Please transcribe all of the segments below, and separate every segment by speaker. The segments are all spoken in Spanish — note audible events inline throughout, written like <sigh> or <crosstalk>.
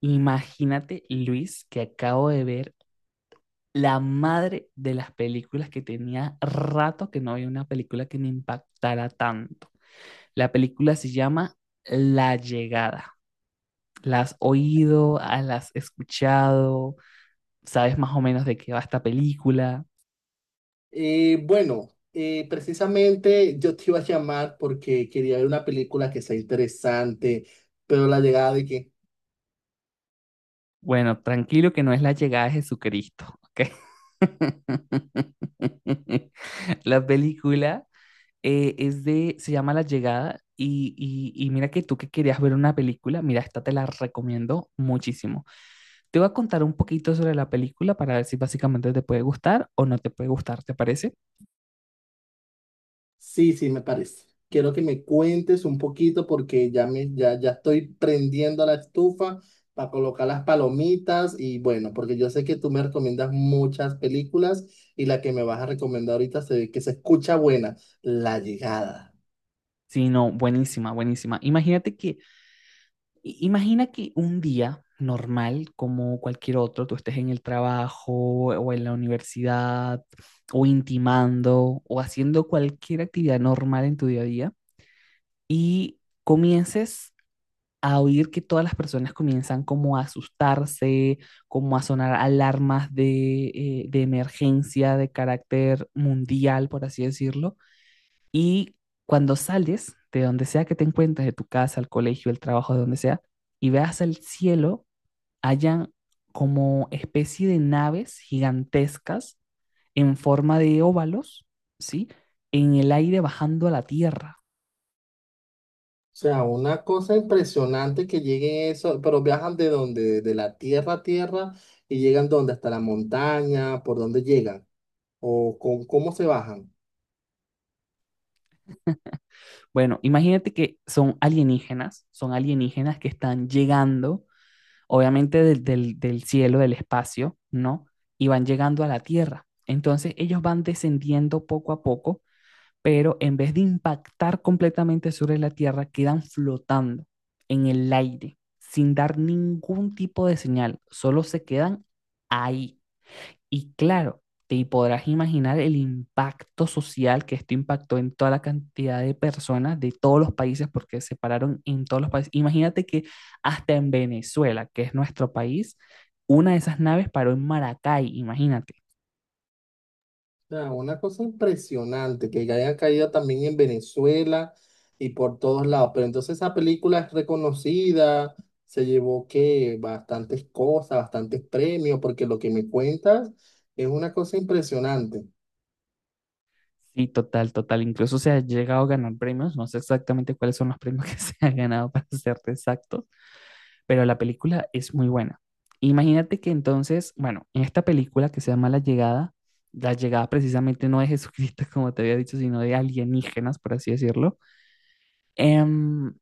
Speaker 1: Imagínate, Luis, que acabo de ver la madre de las películas que tenía rato que no había una película que me impactara tanto. La película se llama La Llegada. ¿La has oído? Ah, ¿la has escuchado? ¿Sabes más o menos de qué va esta película?
Speaker 2: Eh, bueno, precisamente yo te iba a llamar porque quería ver una película que sea interesante, pero la llegada de que
Speaker 1: Bueno, tranquilo que no es la llegada de Jesucristo, ¿ok? <laughs> La película es de, se llama La Llegada y mira que tú que querías ver una película, mira, esta te la recomiendo muchísimo. Te voy a contar un poquito sobre la película para ver si básicamente te puede gustar o no te puede gustar, ¿te parece?
Speaker 2: sí, sí, me parece. Quiero que me cuentes un poquito porque ya estoy prendiendo la estufa para colocar las palomitas y bueno, porque yo sé que tú me recomiendas muchas películas y la que me vas a recomendar ahorita se ve que se escucha buena, La llegada.
Speaker 1: Sí, no, buenísima, buenísima. Imagínate que, imagina que un día normal, como cualquier otro, tú estés en el trabajo o en la universidad o intimando o haciendo cualquier actividad normal en tu día a día y comiences a oír que todas las personas comienzan como a asustarse, como a sonar alarmas de emergencia de carácter mundial, por así decirlo. Y cuando sales de donde sea que te encuentres, de tu casa, al colegio, el trabajo, de donde sea, y veas el cielo, hayan como especie de naves gigantescas en forma de óvalos, ¿sí? En el aire bajando a la tierra.
Speaker 2: O sea, una cosa impresionante que lleguen eso, pero viajan de donde, de la tierra a tierra y llegan donde, hasta la montaña, por dónde llegan o con cómo se bajan.
Speaker 1: Bueno, imagínate que son alienígenas que están llegando, obviamente del cielo, del espacio, ¿no? Y van llegando a la Tierra. Entonces ellos van descendiendo poco a poco, pero en vez de impactar completamente sobre la Tierra, quedan flotando en el aire, sin dar ningún tipo de señal, solo se quedan ahí y claro, te podrás imaginar el impacto social que esto impactó en toda la cantidad de personas de todos los países, porque se pararon en todos los países. Imagínate que hasta en Venezuela, que es nuestro país, una de esas naves paró en Maracay, imagínate.
Speaker 2: O sea, una cosa impresionante que hayan caído también en Venezuela y por todos lados. Pero entonces esa película es reconocida, se llevó que bastantes cosas, bastantes premios, porque lo que me cuentas es una cosa impresionante.
Speaker 1: Sí, total, total. Incluso se ha llegado a ganar premios. No sé exactamente cuáles son los premios que <laughs> se han ganado, para serte exacto, pero la película es muy buena. Imagínate que entonces, bueno, en esta película que se llama la llegada precisamente no de <laughs> Jesucristo, como te había dicho, sino de alienígenas, por así decirlo. Em,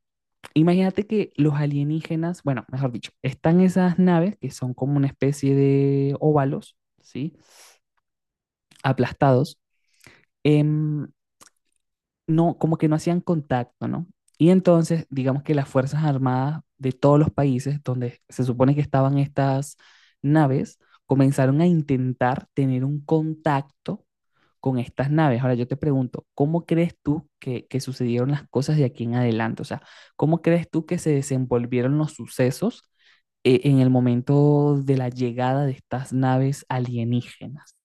Speaker 1: Imagínate que los alienígenas, bueno, mejor dicho, están esas naves que son como una especie de óvalos, ¿sí? Aplastados. em, no, como que no hacían contacto, ¿no? Y entonces, digamos que las Fuerzas Armadas de todos los países donde se supone que estaban estas naves, comenzaron a intentar tener un contacto con estas naves. Ahora yo te pregunto, ¿cómo crees tú que sucedieron las cosas de aquí en adelante? O sea, ¿cómo crees tú que se desenvolvieron los sucesos en el momento de la llegada de estas naves alienígenas?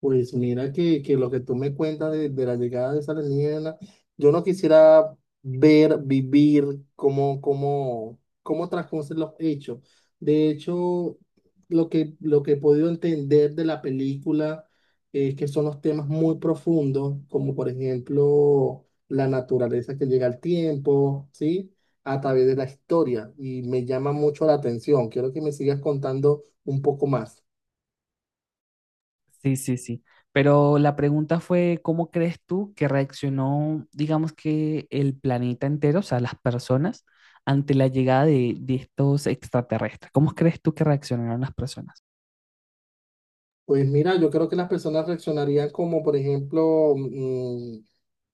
Speaker 2: Pues mira que lo que tú me cuentas de la llegada de esa alienígena, yo no quisiera ver, vivir cómo, cómo, cómo transcurren los hechos. De hecho, lo que he podido entender de la película es que son los temas muy profundos, como por ejemplo la naturaleza que llega al tiempo, ¿sí? A través de la historia. Y me llama mucho la atención. Quiero que me sigas contando un poco más.
Speaker 1: Sí, sí, sí. Pero la pregunta fue, ¿cómo crees tú que reaccionó, digamos que el planeta entero, o sea, las personas, ante la llegada de estos extraterrestres? ¿Cómo crees tú que reaccionaron las personas?
Speaker 2: Pues mira, yo creo que las personas reaccionarían como, por ejemplo,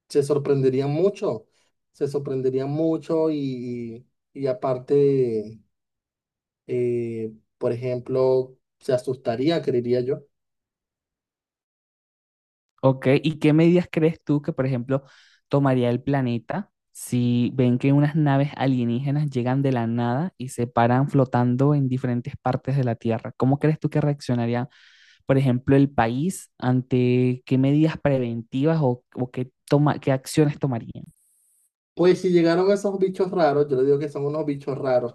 Speaker 2: se sorprenderían mucho, se sorprenderían mucho y aparte, eh, por ejemplo, se asustaría, creería yo.
Speaker 1: ¿Ok? ¿Y qué medidas crees tú que, por ejemplo, tomaría el planeta si ven que unas naves alienígenas llegan de la nada y se paran flotando en diferentes partes de la Tierra? ¿Cómo crees tú que reaccionaría, por ejemplo, el país, ante qué medidas preventivas o qué, toma, qué acciones tomarían?
Speaker 2: Pues si llegaron esos bichos raros, yo le digo que son unos bichos raros,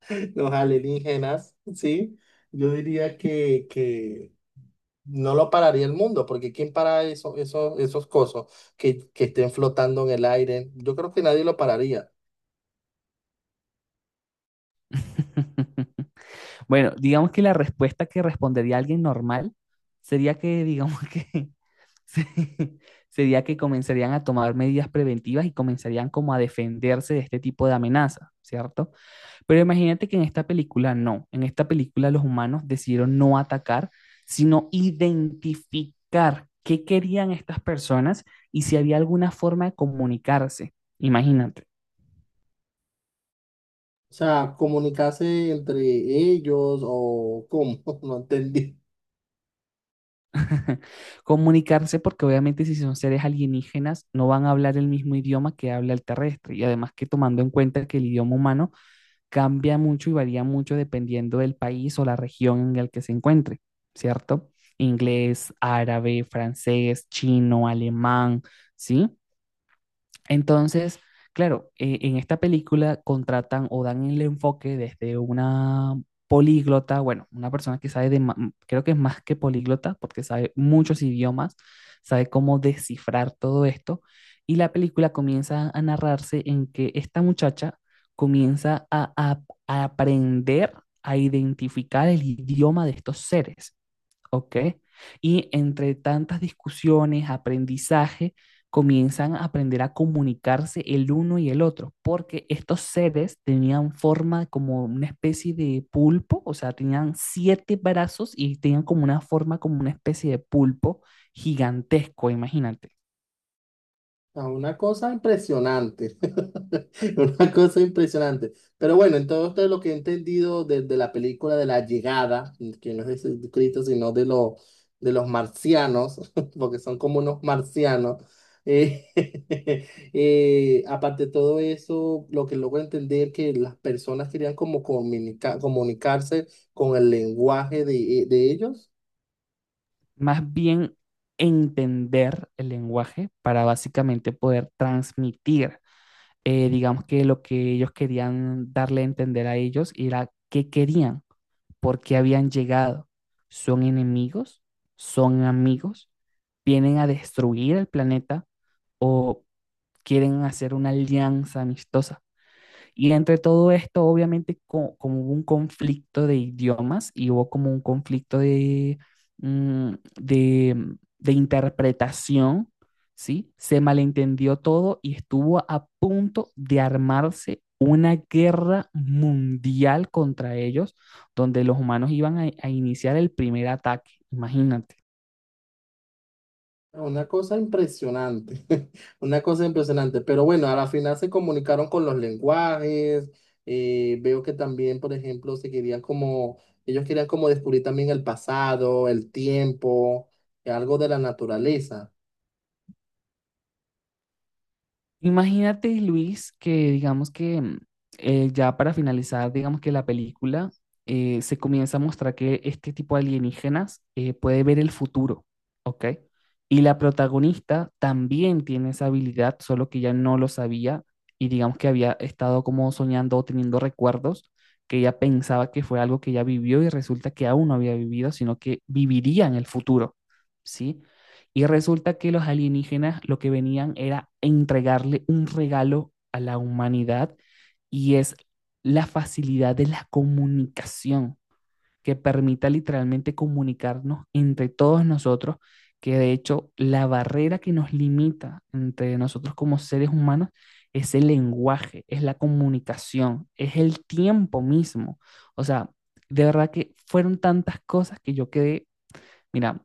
Speaker 2: <laughs> los alienígenas, ¿sí? Yo diría que no lo pararía el mundo, porque ¿quién para esos cosos que estén flotando en el aire? Yo creo que nadie lo pararía.
Speaker 1: <laughs> Bueno, digamos que la respuesta que respondería alguien normal sería que, digamos que, <laughs> se- sería que comenzarían a tomar medidas preventivas y comenzarían como a defenderse de este tipo de amenaza, ¿cierto? Pero imagínate que en esta película no, en esta película los humanos decidieron no atacar, sino identificar qué querían estas personas y si había alguna forma de comunicarse. Imagínate,
Speaker 2: O sea, ¿comunicarse entre ellos o cómo? <laughs> No entendí.
Speaker 1: <laughs> comunicarse porque obviamente si son seres alienígenas no van a hablar el mismo idioma que habla el terrestre y además que tomando en cuenta que el idioma humano cambia mucho y varía mucho dependiendo del país o la región en el que se encuentre, ¿cierto? Inglés, árabe, francés, chino, alemán, ¿sí? Entonces, claro, en esta película contratan o dan el enfoque desde una políglota, bueno, una persona que sabe de, creo que es más que políglota, porque sabe muchos idiomas, sabe cómo descifrar todo esto, y la película comienza a narrarse en que esta muchacha comienza a aprender a identificar el idioma de estos seres. Ok. Y entre tantas discusiones, aprendizaje, comienzan a aprender a comunicarse el uno y el otro, porque estos seres tenían forma como una especie de pulpo, o sea, tenían siete brazos y tenían como una forma como una especie de pulpo gigantesco, imagínate.
Speaker 2: Ah, una cosa impresionante, <laughs> una cosa impresionante. Pero bueno, entonces lo que he entendido de la película de la llegada, que no es de Jesucristo, sino de los marcianos, <laughs> porque son como unos marcianos, eh, <laughs> aparte de todo eso, lo que logro entender que las personas querían como comunicarse con el lenguaje de ellos.
Speaker 1: Más bien entender el lenguaje para básicamente poder transmitir, digamos que lo que ellos querían darle a entender a ellos era qué querían, por qué habían llegado. ¿Son enemigos? ¿Son amigos? ¿Vienen a destruir el planeta? ¿O quieren hacer una alianza amistosa? Y entre todo esto, obviamente, como hubo un conflicto de idiomas y hubo como un conflicto de, mm, de interpretación, ¿sí? Se malentendió todo y estuvo a punto de armarse una guerra mundial contra ellos, donde los humanos iban a iniciar el primer ataque, imagínate.
Speaker 2: Una cosa impresionante, <laughs> una cosa impresionante, pero bueno, a la final se comunicaron con los lenguajes, veo que también, por ejemplo, se querían como, ellos querían como descubrir también el pasado, el tiempo, algo de la naturaleza.
Speaker 1: Imagínate, Luis, que digamos que ya para finalizar, digamos que la película se comienza a mostrar que este tipo de alienígenas puede ver el futuro, ¿ok? Y la protagonista también tiene esa habilidad, solo que ella no lo sabía y digamos que había estado como soñando o teniendo recuerdos que ella pensaba que fue algo que ella vivió y resulta que aún no había vivido, sino que viviría en el futuro, ¿sí? Y resulta que los alienígenas lo que venían era entregarle un regalo a la humanidad y es la facilidad de la comunicación que permita literalmente comunicarnos entre todos nosotros, que de hecho la barrera que nos limita entre nosotros como seres humanos es el lenguaje, es la comunicación, es el tiempo mismo. O sea, de verdad que fueron tantas cosas que yo quedé. Mira,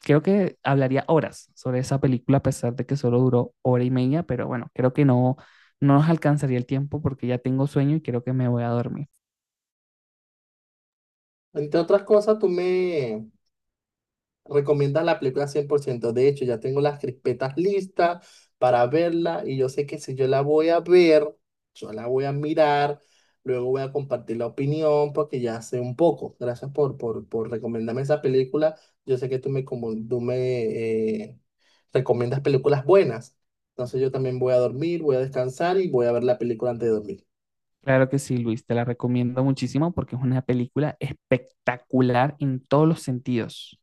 Speaker 1: creo que hablaría horas sobre esa película, a pesar de que solo duró hora y media, pero bueno, creo que no, no nos alcanzaría el tiempo porque ya tengo sueño y creo que me voy a dormir.
Speaker 2: Entre otras cosas, recomiendan la película 100%. De hecho, ya tengo las crispetas listas para verla y yo sé que si yo la voy a ver, yo la voy a mirar, luego voy a compartir la opinión porque ya sé un poco. Gracias por recomendarme esa película. Yo sé que tú me eh, recomiendas películas buenas. Entonces yo también voy a dormir, voy a descansar y voy a ver la película antes de dormir.
Speaker 1: Claro que sí, Luis, te la recomiendo muchísimo porque es una película espectacular en todos los sentidos.